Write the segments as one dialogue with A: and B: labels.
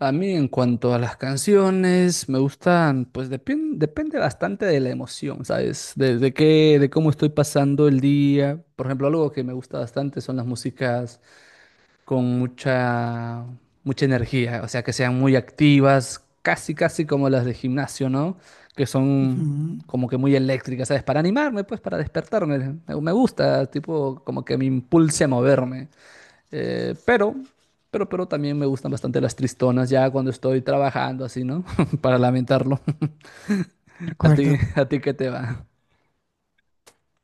A: A mí en cuanto a las canciones, me gustan, pues depende bastante de la emoción, ¿sabes? De cómo estoy pasando el día. Por ejemplo, algo que me gusta bastante son las músicas con mucha energía, o sea, que sean muy activas, casi, casi como las de gimnasio, ¿no? Que son
B: Ujú.
A: como que muy eléctricas, ¿sabes? Para animarme, pues, para despertarme. Me gusta, tipo, como que me impulse a moverme. Eh, pero, pero también me gustan bastante las tristonas, ya cuando estoy trabajando así, ¿no? Para lamentarlo.
B: De
A: ¿A ti,
B: acuerdo.
A: a ti qué te va?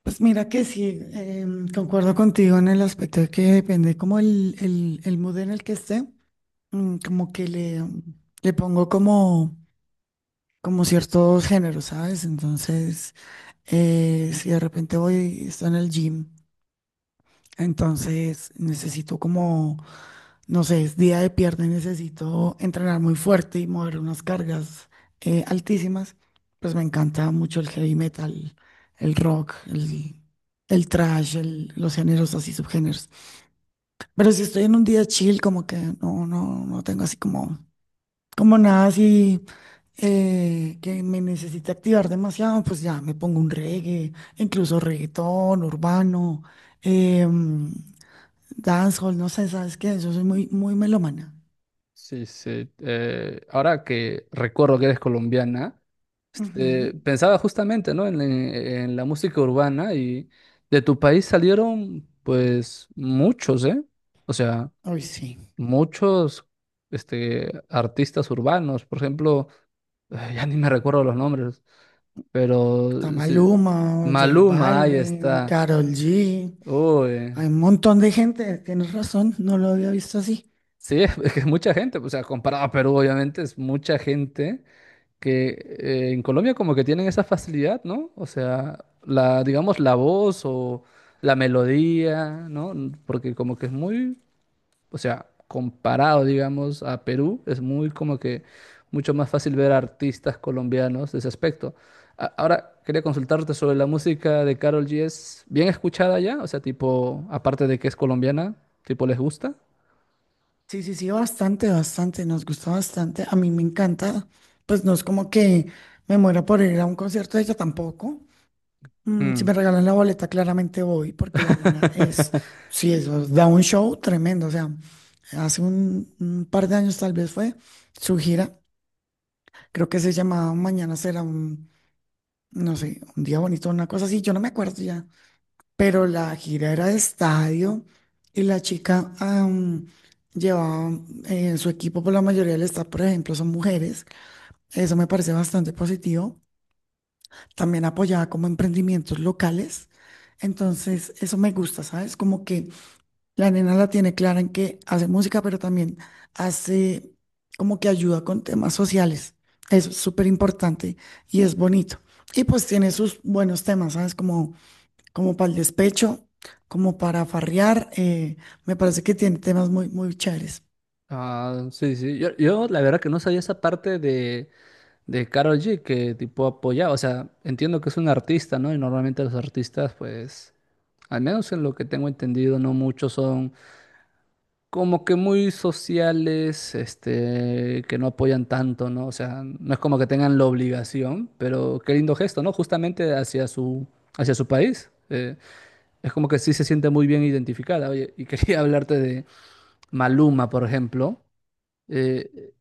B: Pues mira que sí, concuerdo contigo en el aspecto de que depende como el mood en el que esté, como que le pongo como ciertos géneros, ¿sabes? Entonces, si de repente voy, estoy en el gym. Entonces necesito como, no sé, es día de pierna y necesito entrenar muy fuerte y mover unas cargas altísimas. Pues me encanta mucho el heavy metal, el rock, el thrash, los géneros así, subgéneros. Pero si estoy en un día chill, como que no tengo así como, como nada así que me necesite activar demasiado, pues ya me pongo un reggae, incluso reggaetón, urbano. em, Dancehall, no sé, ¿sabes qué? Yo soy muy, muy melómana.
A: Sí, sí. Ahora que recuerdo que eres colombiana,
B: Ujú.
A: este, pensaba justamente, ¿no? En la música urbana y de tu país salieron, pues, muchos, ¿eh? O sea,
B: Ay, sí.
A: muchos, este, artistas urbanos. Por ejemplo, ya ni me recuerdo los nombres. Pero
B: Está
A: sí,
B: Maluma, J
A: Maluma, ahí
B: Balvin,
A: está.
B: Karol G.
A: Uy,
B: Hay un montón de gente, tienes razón, no lo había visto así.
A: sí, es que es mucha gente. O sea, comparado a Perú, obviamente, es mucha gente que en Colombia como que tienen esa facilidad, ¿no? O sea, la, digamos, la voz o la melodía, ¿no? Porque como que es muy o sea, comparado, digamos, a Perú, es muy como que mucho más fácil ver artistas colombianos de ese aspecto. Ahora, quería consultarte sobre la música de Karol G. ¿Es bien escuchada ya? O sea, tipo, aparte de que es colombiana, tipo, ¿les gusta?
B: Sí, sí, sí, bastante, bastante, nos gusta bastante. A mí me encanta. Pues no es como que me muera por ir a un concierto de ella tampoco. Si
A: Mm.
B: me regalan la boleta, claramente voy, porque la nena es, sí, eso, da un show tremendo. O sea, hace un par de años tal vez fue su gira. Creo que se llamaba Mañana será un, no sé, un día bonito, una cosa así, yo no me acuerdo ya. Pero la gira era de estadio y la chica llevaba su equipo. Por la mayoría del staff, por ejemplo, son mujeres. Eso me parece bastante positivo. También apoyaba como emprendimientos locales. Entonces, eso me gusta, ¿sabes? Como que la nena la tiene clara en que hace música, pero también hace como que ayuda con temas sociales. Es súper importante y es bonito. Y pues tiene sus buenos temas, ¿sabes? Como para el despecho, como para farrear. Me parece que tiene temas muy, muy chéveres.
A: Ah, sí, sí. Yo la verdad que no sabía esa parte de Karol G que tipo apoyaba. O sea, entiendo que es un artista, ¿no? Y normalmente los artistas, pues, al menos en lo que tengo entendido, no muchos son. Como que muy sociales, este, que no apoyan tanto, ¿no? O sea, no es como que tengan la obligación, pero qué lindo gesto, ¿no? Justamente hacia su país. Es como que sí se siente muy bien identificada. Oye, y quería hablarte de Maluma, por ejemplo. Eh,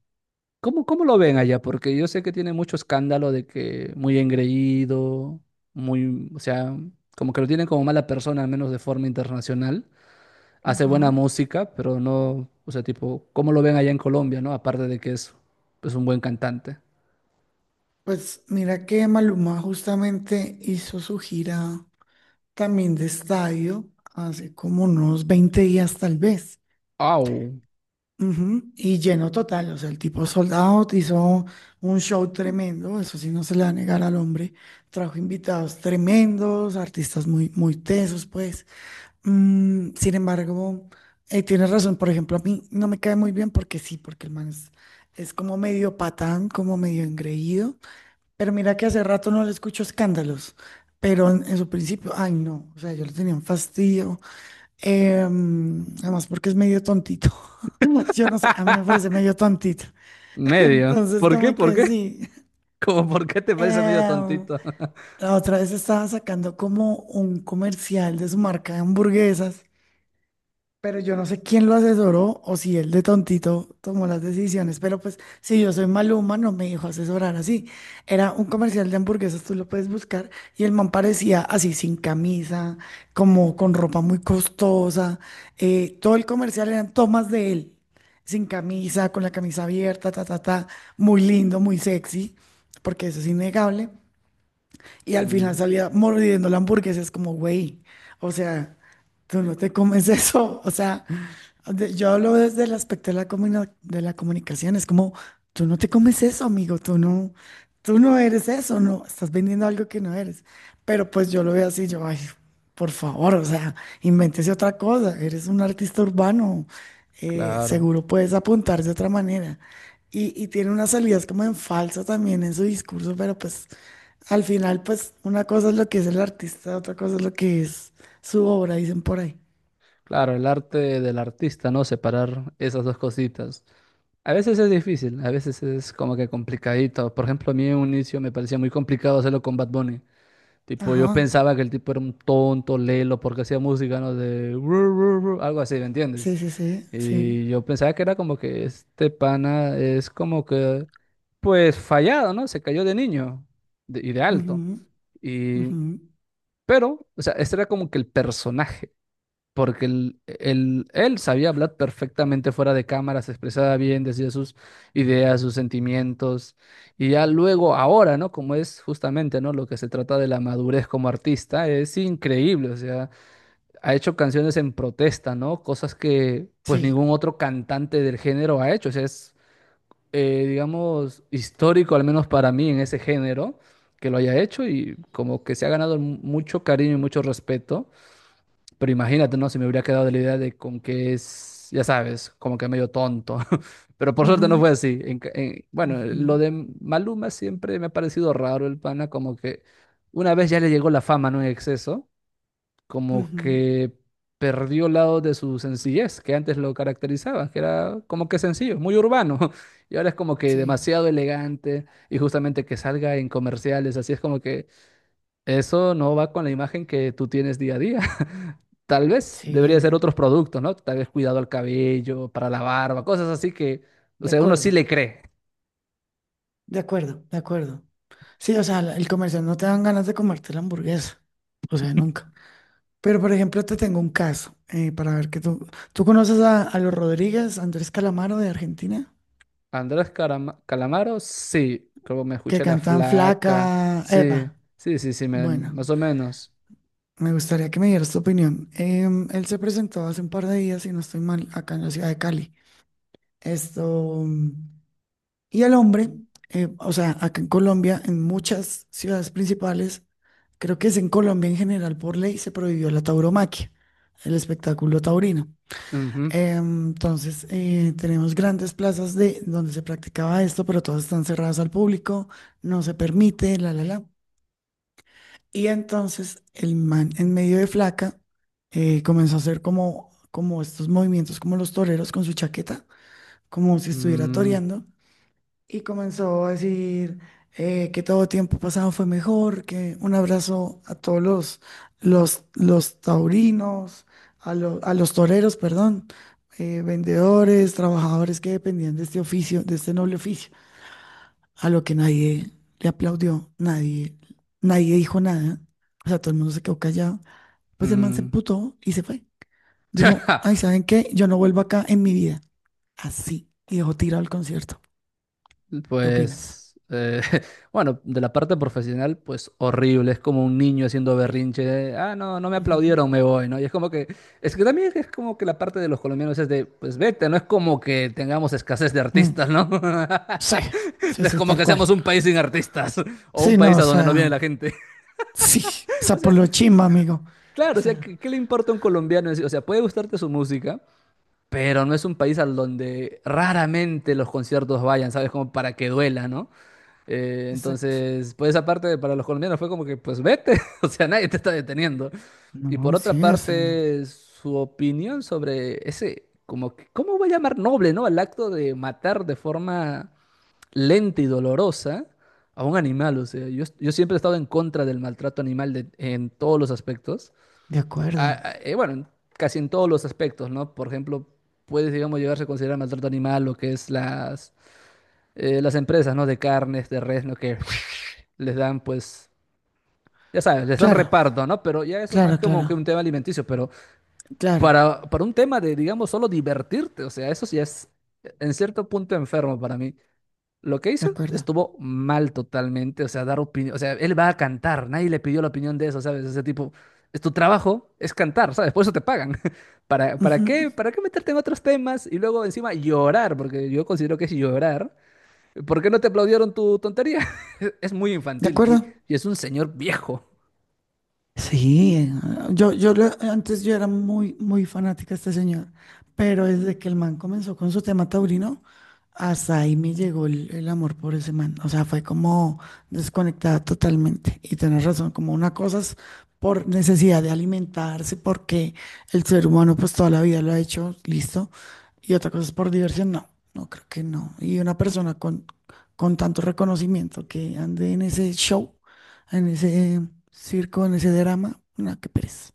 A: ¿Cómo, cómo lo ven allá? Porque yo sé que tiene mucho escándalo de que muy engreído, muy, o sea, como que lo tienen como mala persona, al menos de forma internacional hace buena
B: Ajá.
A: música, pero no, o sea, tipo, ¿cómo lo ven allá en Colombia, no? Aparte de que es, pues, un buen cantante.
B: Pues mira que Maluma justamente hizo su gira también de estadio hace como unos 20 días tal vez.
A: ¡Au!
B: Ujú, y lleno total, o sea, el tipo soldado hizo un show tremendo, eso sí no se le va a negar al hombre. Trajo invitados tremendos, artistas muy, muy tesos, pues. Sin embargo, tienes razón. Por ejemplo, a mí no me cae muy bien porque sí, porque el man es como medio patán, como medio engreído. Pero mira que hace rato no le escucho escándalos, pero en su principio, ay no, o sea, yo le tenía un fastidio, además porque es medio tontito. Yo no sé, a mí me parece medio tontito.
A: Medio.
B: Entonces,
A: ¿Por qué?
B: como
A: ¿Por
B: que
A: qué?
B: sí.
A: ¿Cómo por qué te parece medio
B: Em,
A: tontito?
B: la otra vez estaba sacando como un comercial de su marca de hamburguesas, pero yo no sé quién lo asesoró o si él de tontito tomó las decisiones, pero pues si yo soy Maluma no me dijo asesorar así. Era un comercial de hamburguesas, tú lo puedes buscar, y el man parecía así sin camisa, como con ropa muy costosa. Todo el comercial eran tomas de él, sin camisa, con la camisa abierta, ta, ta, ta, muy lindo, muy sexy, porque eso es innegable. Y al final
A: Mm,
B: salía mordiendo la hamburguesa. Es como, güey, o sea, tú no te comes eso. O sea, yo hablo desde el aspecto de la de la comunicación. Es como, tú no te comes eso, amigo. Tú no eres eso. No, estás vendiendo algo que no eres. Pero pues yo lo veo así, yo, ay, por favor, o sea, invéntese otra cosa, eres un artista urbano,
A: claro.
B: seguro puedes apuntar de otra manera. Y tiene unas salidas como en falsa también en su discurso, pero pues al final, pues una cosa es lo que es el artista, otra cosa es lo que es su obra, dicen por ahí.
A: Claro, el arte del artista, ¿no? Separar esas dos cositas. A veces es difícil, a veces es como que complicadito. Por ejemplo, a mí en un inicio me parecía muy complicado hacerlo con Bad Bunny. Tipo, yo
B: Ajá,
A: pensaba que el tipo era un tonto, lelo, porque hacía música, ¿no? De ru, ru, ru, algo así, ¿me
B: sí,
A: entiendes?
B: sí, sí, sí.
A: Y yo pensaba que era como que este pana es como que, pues fallado, ¿no? Se cayó de niño y de
B: Ujú,
A: alto. Y,
B: ujú,
A: pero, o sea, este era como que el personaje, porque él sabía hablar perfectamente fuera de cámara, se expresaba bien, decía sus ideas, sus sentimientos. Y ya luego, ahora, ¿no? Como es justamente, ¿no? Lo que se trata de la madurez como artista, es increíble, o sea ha hecho canciones en protesta, ¿no? Cosas que pues
B: sí.
A: ningún otro cantante del género ha hecho. O sea, es, digamos, histórico, al menos para mí, en ese género, que lo haya hecho y como que se ha ganado mucho cariño y mucho respeto. Pero imagínate, ¿no? Si me hubiera quedado de la idea de con que es, ya sabes, como que medio tonto. Pero por suerte no
B: Ujú,
A: fue así. Bueno, lo
B: ujú,
A: de Maluma siempre me ha parecido raro el pana, como que una vez ya le llegó la fama, ¿no? En exceso como
B: ujú,
A: que perdió lado de su sencillez que antes lo caracterizaban, que era como que sencillo, muy urbano, y ahora es como que
B: sí,
A: demasiado elegante y justamente que salga en comerciales, así es como que eso no va con la imagen que tú tienes día a día. Tal vez
B: sí,
A: debería ser
B: mm,
A: otros productos, ¿no? Tal vez cuidado al cabello, para la barba, cosas así que, o
B: de
A: sea, uno sí
B: acuerdo,
A: le cree.
B: de acuerdo, de acuerdo. Sí, o sea, el comercial no te dan ganas de comerte la hamburguesa. O sea, nunca. Pero, por ejemplo, te tengo un caso, para ver que tú. ¿Tú conoces a los Rodríguez, Andrés Calamaro de Argentina?
A: Calamaro, sí, como me
B: Que
A: escuché la
B: cantan Flaca.
A: flaca,
B: Epa.
A: sí, sí, sí, sí,
B: Bueno,
A: más o menos.
B: me gustaría que me dieras tu opinión. Él se presentó hace un par de días, si no estoy mal, acá en la ciudad de Cali. Esto. Y al hombre, o sea, acá en Colombia, en muchas ciudades principales, creo que es en Colombia en general, por ley se prohibió la tauromaquia, el espectáculo taurino.
A: Ujú.
B: Entonces, tenemos grandes plazas de donde se practicaba esto, pero todas están cerradas al público, no se permite, la. Y entonces el man en medio de flaca comenzó a hacer como estos movimientos, como los toreros con su chaqueta, como si estuviera
A: Mm,
B: toreando. Y comenzó a decir que todo tiempo pasado fue mejor, que un abrazo a todos los taurinos, a los toreros, perdón, vendedores, trabajadores que dependían de este oficio, de este noble oficio, a lo que nadie le aplaudió, nadie, nadie dijo nada, o sea, todo el mundo se quedó callado. Pues el man se
A: mm.
B: emputó y se fue. Dijo, ay, ¿saben qué? Yo no vuelvo acá en mi vida. Así. Y dejó tirado el concierto. ¿Qué opinas?
A: Pues, bueno, de la parte profesional, pues horrible. Es como un niño haciendo berrinche. Ah, no, no me
B: Ujú.
A: aplaudieron, me voy, ¿no? Y es como que, es que también es como que la parte de los colombianos es de, pues vete, no es como que tengamos escasez de
B: Mm,
A: artistas, ¿no?
B: sí,
A: No
B: sí,
A: es
B: sí,
A: como
B: tal
A: que seamos
B: cual.
A: un país sin artistas o un
B: Sí, no,
A: país
B: o
A: a donde no viene
B: sea,
A: la gente.
B: sí, o
A: O
B: sea, por
A: sea,
B: lo chimba, amigo. O
A: claro, o sea,
B: sea,
A: ¿qué, qué le importa a un colombiano? ¿En sí? O sea, puede gustarte su música, pero no es un país al donde raramente los conciertos vayan, ¿sabes? Como para que duela, ¿no?
B: exacto.
A: Entonces, por esa parte, para los colombianos fue como que, pues vete, o sea, nadie te está deteniendo. Y por
B: No,
A: otra
B: sí, o sea,
A: parte, su opinión sobre ese, como, que- ¿cómo voy a llamar noble, ¿no? Al acto de matar de forma lenta y dolorosa a un animal, o sea, yo siempre he estado en contra del maltrato animal en todos los aspectos
B: de acuerdo.
A: bueno, casi en todos los aspectos, ¿no? Por ejemplo, puede, digamos, llegarse a considerar maltrato animal lo que es las empresas, ¿no? De carnes, de res, ¿no? Que les dan, pues, ya sabes, les dan
B: Claro,
A: reparto, ¿no? Pero ya eso es
B: claro,
A: más como
B: claro,
A: que un tema alimenticio, pero
B: claro,
A: para un tema de, digamos, solo divertirte, o sea, eso sí es en cierto punto enfermo para mí. Lo que
B: de
A: hizo
B: acuerdo.
A: estuvo mal totalmente, o sea, dar opinión, o sea, él va a cantar, nadie le pidió la opinión de eso, ¿sabes? Ese tipo, es tu trabajo, es cantar, ¿sabes? Por eso te pagan. ¿Para, para
B: Ujú.
A: qué, para qué meterte en otros temas y luego encima llorar? Porque yo considero que es llorar. ¿Por qué no te aplaudieron tu tontería? Es muy
B: De
A: infantil
B: acuerdo.
A: y es un señor viejo.
B: Sí, antes yo era muy, muy fanática de este señor, pero desde que el man comenzó con su tema taurino, hasta ahí me llegó el amor por ese man. O sea, fue como desconectada totalmente. Y tienes razón, como una cosa es por necesidad de alimentarse, porque el ser humano pues toda la vida lo ha hecho, listo. Y otra cosa es por diversión, no creo que no. Y una persona con, tanto reconocimiento que ande en ese show, en ese circo, en ese drama. No, qué pereza.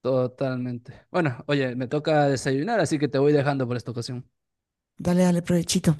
A: Totalmente. Bueno, oye, me toca desayunar, así que te voy dejando por esta ocasión.
B: Dale, dale, provechito.